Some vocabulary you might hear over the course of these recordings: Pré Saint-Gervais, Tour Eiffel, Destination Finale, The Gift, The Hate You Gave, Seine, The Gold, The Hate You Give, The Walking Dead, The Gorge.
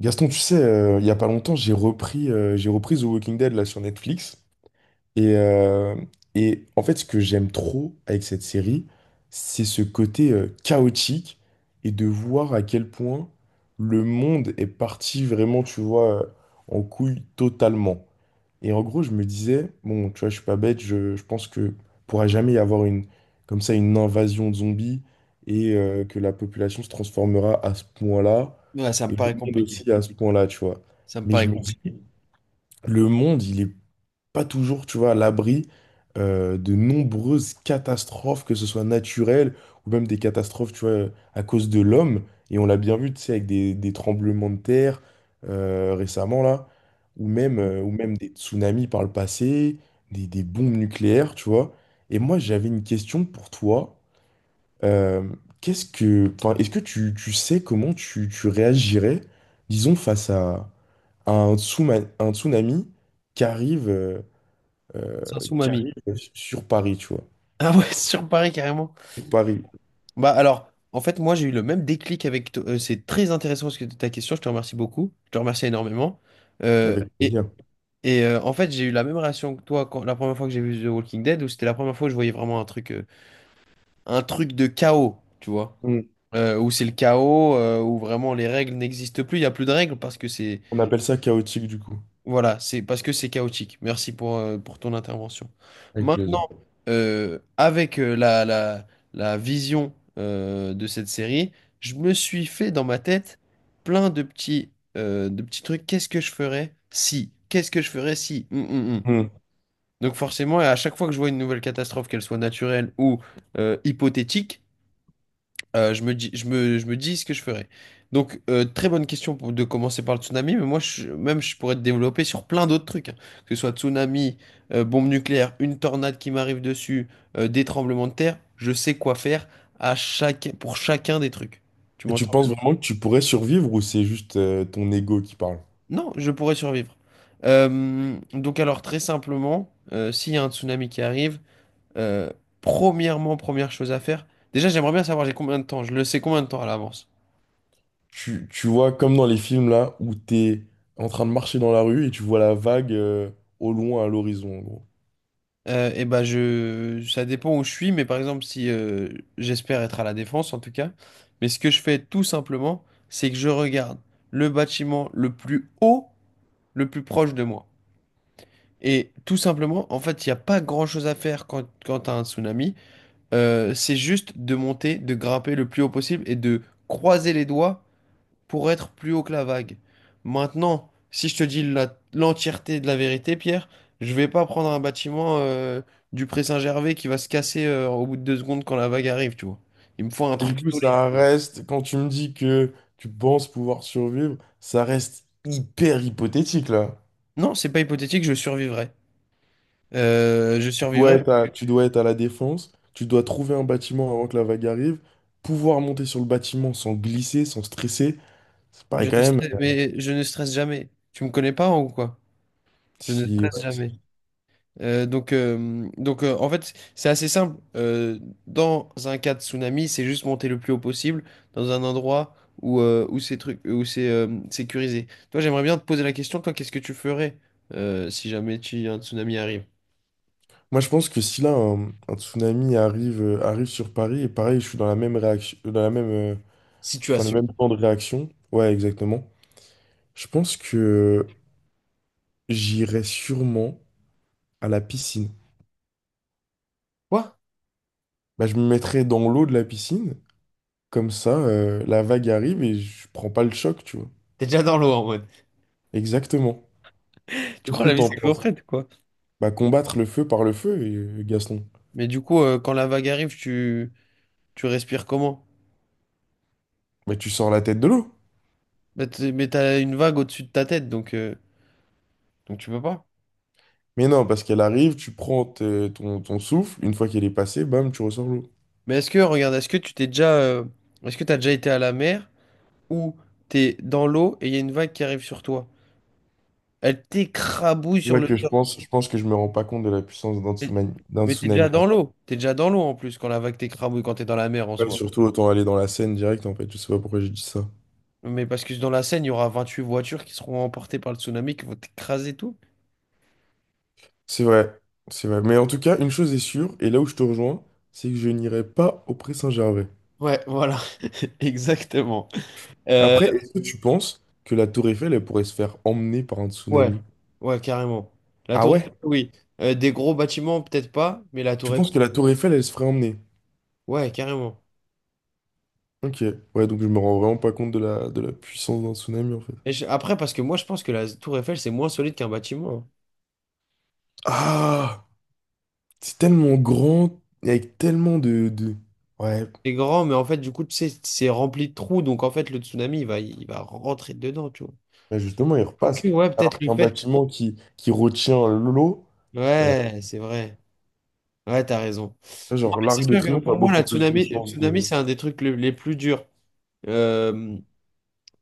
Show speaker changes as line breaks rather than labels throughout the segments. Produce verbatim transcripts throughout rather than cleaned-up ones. Gaston, tu sais, euh, il y a pas longtemps, j'ai repris, euh, j'ai repris The Walking Dead là sur Netflix. Et, euh, et en fait, ce que j'aime trop avec cette série, c'est ce côté euh, chaotique et de voir à quel point le monde est parti vraiment, tu vois, euh, en couille totalement. Et en gros, je me disais, bon, tu vois, je suis pas bête, je, je pense que pourra jamais y avoir une, comme ça, une invasion de zombies et euh, que la population se transformera à ce point-là
Ouais, ça me
et le
paraît
monde
compliqué.
aussi à ce point-là, tu vois.
Ça me
Mais
paraît
je me dis,
compliqué.
le monde, il est pas toujours, tu vois, à l'abri euh, de nombreuses catastrophes, que ce soit naturelles ou même des catastrophes, tu vois, à cause de l'homme. Et on l'a bien vu, tu sais, avec des, des tremblements de terre euh, récemment, là, ou même, euh, ou même des tsunamis par le passé, des, des bombes nucléaires, tu vois. Et moi, j'avais une question pour toi. Euh, qu'est-ce que, enfin, est-ce que tu, tu sais comment tu, tu réagirais, disons, face à à un tsuma- un tsunami qui arrive. euh, euh,
Sans
qui
mamie.
arrive sur Paris, tu vois.
Ah ouais, sur Paris carrément.
Sur Paris,
Bah alors, en fait, moi j'ai eu le même déclic avec to- euh, c'est très intéressant ce que ta question, je te remercie beaucoup. Je te remercie énormément. Euh,
avec
et
plaisir.
et euh, en fait, j'ai eu la même réaction que toi quand, la première fois que j'ai vu The Walking Dead, où c'était la première fois que je voyais vraiment un truc, euh, un truc de chaos, tu vois.
Mm.
Euh, où c'est le chaos, euh, où vraiment les règles n'existent plus, il n'y a plus de règles parce que c'est...
On appelle ça chaotique du coup.
Voilà, c'est parce que c'est chaotique. Merci pour, euh, pour ton intervention.
Avec
Maintenant,
plaisir.
euh, avec euh, la, la, la vision euh, de cette série, je me suis fait dans ma tête plein de petits, euh, de petits trucs. Qu'est-ce que je ferais si? Qu'est-ce que je ferais si? Hum, hum, hum.
Mm.
Donc forcément, à chaque fois que je vois une nouvelle catastrophe, qu'elle soit naturelle ou euh, hypothétique, euh, je me dis, je me, je me dis ce que je ferais. Donc, euh, très bonne question pour- de commencer par le tsunami, mais moi, je- même, je pourrais te développer sur plein d'autres trucs, hein. Que ce soit tsunami, euh, bombe nucléaire, une tornade qui m'arrive dessus, euh, des tremblements de terre, je sais quoi faire à chaque, pour chacun des trucs. Tu
Et tu
m'entends?
penses vraiment que tu pourrais survivre ou c'est juste euh, ton ego qui parle?
Non, je pourrais survivre. Euh, donc, alors, très simplement, euh, s'il y a un tsunami qui arrive, euh, premièrement, première chose à faire, déjà, j'aimerais bien savoir j'ai combien de temps, je le sais combien de temps à l'avance.
Tu, tu vois, comme dans les films là, où t'es en train de marcher dans la rue et tu vois la vague euh, au loin à l'horizon, en gros.
Euh, et ben je, ça dépend où je suis, mais par exemple, si euh, j'espère être à la défense en tout cas, mais ce que je fais tout simplement, c'est que je regarde le bâtiment le plus haut, le plus proche de moi. Et tout simplement, en fait, il n'y a pas grand-chose à faire quand, quand tu as un tsunami. Euh, c'est juste de monter, de grimper le plus haut possible et de croiser les doigts pour être plus haut que la vague. Maintenant, si je te dis la- l'entièreté de la vérité, Pierre, je vais pas prendre un bâtiment euh, du Pré-Saint-Gervais qui va se casser euh, au bout de deux secondes quand la vague arrive, tu vois. Il me faut un
Mais du
truc
coup,
solide.
ça reste, quand tu me dis que tu penses pouvoir survivre, ça reste hyper hypothétique là.
Non, c'est pas hypothétique, je survivrai. Euh, je
Dois
survivrai,
être
parce que
à, tu dois être à la défense, tu dois trouver un bâtiment avant que la vague arrive, pouvoir monter sur le bâtiment sans glisser, sans stresser. Ça
je
paraît quand
ne
même.
stresse- mais je ne stresse jamais. Tu me connais pas hein, ou quoi? Je ne
Si,
stresse
ouais,
jamais.
si-
Euh, donc, euh, donc euh, en fait, c'est assez simple. Euh, dans un cas de tsunami, c'est juste monter le plus haut possible dans un endroit où, euh, où c'est truc, où c'est euh, sécurisé. Toi, j'aimerais bien te poser la question, toi, qu'est-ce que tu ferais euh, si jamais tu, un tsunami arrive?
Moi, je pense que si là, un, un tsunami arrive, euh, arrive sur Paris, et pareil, je suis dans la même réaction, dans la même, euh, enfin, le même
Situation.
temps de réaction. Ouais, exactement. Je pense que j'irai sûrement à la piscine.
Quoi?
Bah, je me mettrai dans l'eau de la piscine, comme ça, euh, la vague arrive et je prends pas le choc, tu vois.
T'es déjà dans l'eau en mode.
Exactement.
Tu
Qu'est-ce
crois
que
la vie
t'en
c'est
penses?
gaufrette, quoi.
Bah, combattre le feu par le feu, euh, Gaston.
Mais du coup, euh, quand la vague arrive, tu, tu respires comment?
Bah, tu sors la tête de l'eau.
Bah, t'es- mais t'as une vague au-dessus de ta tête, donc, euh, donc tu peux pas.
Mais non, parce qu'elle arrive, tu prends te- ton, ton souffle, une fois qu'elle est passée, bam, tu ressors l'eau.
Mais est-ce que, regarde, est-ce que tu t'es déjà, euh, est-ce que t'as déjà été à la mer? Où t'es dans l'eau et il y a une vague qui arrive sur toi. Elle t'écrabouille
C'est
sur
là
le
que je
sol.
pense, je pense que je me rends pas compte de la puissance d'un
Mais,
tsunami, d'un
mais t'es déjà
tsunami. En
dans
vrai.
l'eau. T'es déjà dans l'eau en plus quand la vague t'écrabouille, quand t'es dans la mer en
Ouais,
soi.
surtout autant aller dans la Seine direct, en fait, je sais pas pourquoi j'ai dit ça.
Mais parce que dans la Seine, il y aura vingt-huit voitures qui seront emportées par le tsunami qui vont t'écraser tout.
C'est vrai, c'est vrai. Mais en tout cas, une chose est sûre, et là où je te rejoins, c'est que je n'irai pas au Pré Saint-Gervais.
Ouais, voilà, exactement. Euh,
Après, est-ce que tu penses que la Tour Eiffel, elle pourrait se faire emmener par un
Ouais,
tsunami?
ouais, carrément. La
Ah
tour
ouais?
Eiffel, oui. Euh, des gros bâtiments, peut-être pas, mais la
Tu
tour Eiffel,
penses que la Tour Eiffel, elle se ferait emmener?
ouais, carrément.
Ok, ouais, donc je me rends vraiment pas compte de la, de la puissance d'un tsunami en fait.
Et je- après, parce que moi, je pense que la tour Eiffel, c'est moins solide qu'un bâtiment, hein.
Ah, c'est tellement grand, et avec tellement de, de... Ouais,
C'est grand, mais en fait, du coup, tu sais, c'est rempli de trous, donc en fait, le tsunami, il va, il va rentrer dedans, tu vois.
bah justement, il
Ok,
repasse.
ouais,
Alors
peut-être le
qu'un
fait.
bâtiment qui, qui retient l'eau, euh,
Ouais, c'est vrai. Ouais, t'as raison. Non, mais
genre
c'est
l'Arc de
sûr que
Triomphe a
pour moi, la
beaucoup plus de
tsunami, le
chances
tsunami,
de...
c'est un des trucs le- les plus durs. Euh,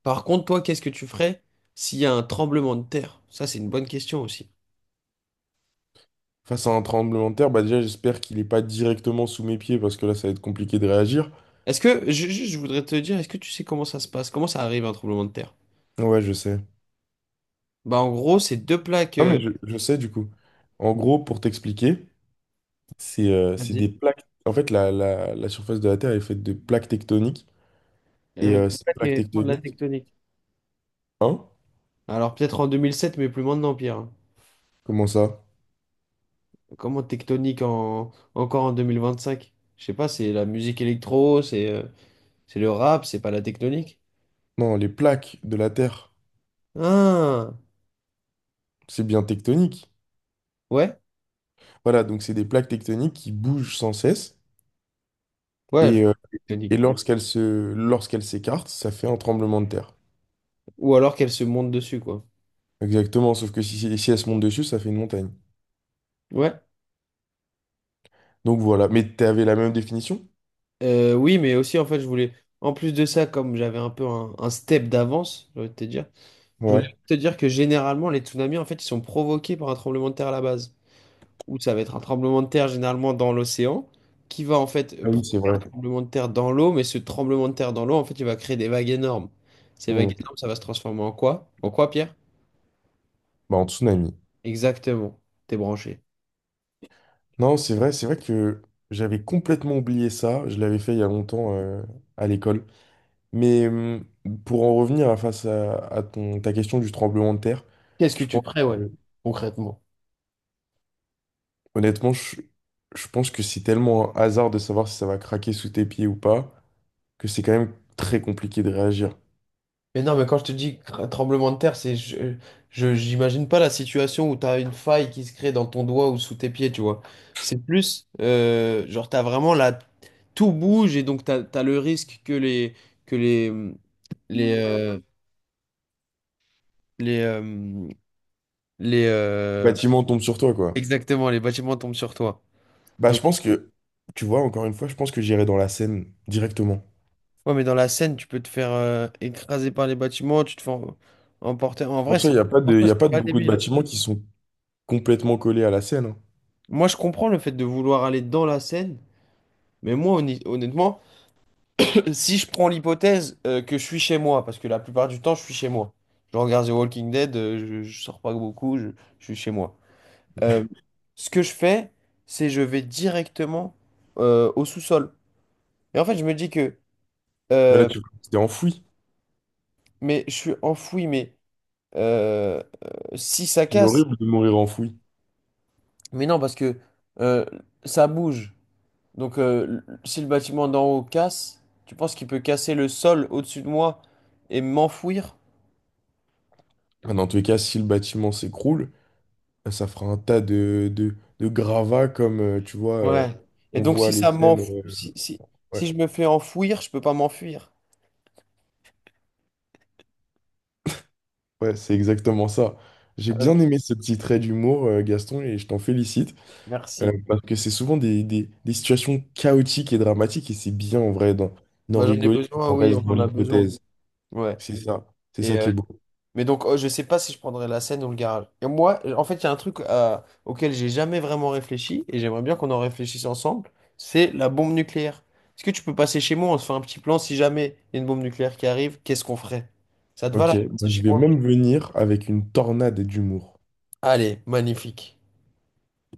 Par contre, toi, qu'est-ce que tu ferais s'il y a un tremblement de terre? Ça, c'est une bonne question aussi.
Face à un tremblement de terre, bah déjà j'espère qu'il est pas directement sous mes pieds parce que là ça va être compliqué de réagir.
Est-ce que, ju- juste, je voudrais te dire, est-ce que tu sais comment ça se passe? Comment ça arrive un tremblement de terre?
Ouais, je sais.
Bah, en gros, c'est deux plaques,
Non
euh,
mais je, je sais du coup. En gros, pour t'expliquer, c'est euh, c'est des
vas-y.
plaques... En fait, la, la, la surface de la Terre est faite de plaques tectoniques. Et
Euh,
euh,
des
ces
plaques
plaques
qui font de la
tectoniques,
tectonique.
hein?
Alors, peut-être en deux mille sept, mais plus maintenant, Pierre.
Comment ça?
Comment tectonique en, encore en deux mille vingt-cinq? Je sais pas, c'est la musique électro, c'est euh, c'est le rap, c'est pas la tectonique?
Non, les plaques de la Terre,
Ah,
c'est bien tectonique.
ouais,
Voilà, donc c'est des plaques tectoniques qui bougent sans cesse.
ouais, elle
Et, euh,
tectonique,
et
quoi.
lorsqu'elles se, lorsqu'elles s'écartent, ça fait un tremblement de terre.
Ou alors qu'elle se monte dessus, quoi.
Exactement, sauf que si, si si elles se montent dessus, ça fait une montagne.
Ouais,
Donc voilà, mais t'avais la même définition?
Euh, oui, mais aussi, en fait, je voulais, en plus de ça, comme j'avais un peu un, un step d'avance, je voulais te dire, je voulais
Ouais.
te dire que généralement, les tsunamis, en fait, ils sont provoqués par un tremblement de terre à la base, où ça va être un tremblement de terre généralement dans l'océan, qui va en fait
Ah oui, c'est
provoquer un
vrai.
tremblement de terre dans l'eau, mais ce tremblement de terre dans l'eau, en fait, il va créer des vagues énormes. Ces vagues
Hmm.
énormes, ça va se transformer en quoi? En quoi, Pierre?
Bah, en tsunami.
Exactement. T'es branché.
Non, c'est vrai, c'est vrai que j'avais complètement oublié ça. Je l'avais fait il y a longtemps euh, à l'école. Mais hum, pour en revenir à face à, à ton, ta question du tremblement de terre,
Qu'est-ce que
je
tu
pense
prévois
que-
concrètement?
honnêtement, je, je pense que c'est tellement un hasard de savoir si ça va craquer sous tes pieds ou pas, que c'est quand même très compliqué de réagir.
Mais non, mais quand je te dis cr- tremblement de terre, c'est je, je- j'imagine pas la situation où t'as une faille qui se crée dans ton doigt ou sous tes pieds, tu vois. C'est plus euh, genre t'as vraiment la... tout bouge et donc t'as, t'as le risque que les que les les euh, les euh, les
Le
euh,
bâtiment tombe sur toi, quoi.
exactement les bâtiments tombent sur toi.
Bah,
Donc
je pense que, tu vois, encore une fois, je pense que j'irai dans la Seine directement.
ouais, mais dans la scène, tu peux te faire euh, écraser par les bâtiments, tu te fais em- emporter. En vrai,
Pour ça,
c'est
il n'y a pas
en
de, il
soi,
y a
c'est
pas de
pas
beaucoup de
débile, hein.
bâtiments qui sont complètement collés à la Seine. Hein.
Moi, je comprends le fait de vouloir aller dans la scène. Mais moi, honni- honnêtement, si je prends l'hypothèse euh, que je suis chez moi, parce que la plupart du temps, je suis chez moi. Je regarde The Walking Dead, euh, je, je sors pas beaucoup, je, je suis chez moi. Euh, Ce que je fais, c'est je vais directement euh, au sous-sol. Et en fait, je me dis que,
Mais là,
euh,
tu t'es enfoui.
mais je suis enfoui, mais euh, euh, si ça
C'est
casse,
horrible de mourir enfoui.
mais non, parce que euh, ça bouge. Donc, euh, l- si le bâtiment d'en haut casse, tu penses qu'il peut casser le sol au-dessus de moi et m'enfouir?
Enfin, dans tous les cas, si le bâtiment s'écroule, ça fera un tas de, de, de gravats comme, euh, tu vois, euh,
Ouais. Et
on
donc, si
voit les
ça m'enf...
scènes. euh,
si, si, si
ouais,
je me fais enfouir, je peux pas m'enfuir.
ouais, c'est exactement ça. J'ai
Ok.
bien aimé ce petit trait d'humour, euh, Gaston, et je t'en félicite, euh,
Merci.
parce que c'est souvent des, des, des situations chaotiques et dramatiques, et c'est bien en vrai d'en d'en
Bah, j'en ai
rigoler,
besoin,
on
oui, on
reste dans
en a besoin.
l'hypothèse.
Ouais.
C'est ça, c'est
Et,
ça qui
euh,
est beau.
mais donc, oh, je sais pas si je prendrais la scène ou le garage. Et moi, en fait, il y a un truc euh, auquel j'ai jamais vraiment réfléchi, et j'aimerais bien qu'on en réfléchisse ensemble, c'est la bombe nucléaire. Est-ce que tu peux passer chez moi, on se fait un petit plan, si jamais il y a une bombe nucléaire qui arrive, qu'est-ce qu'on ferait? Ça te va là?
Ok, bah,
C'est
je
chez
vais
moi?
même venir avec une tornade d'humour.
Allez, magnifique.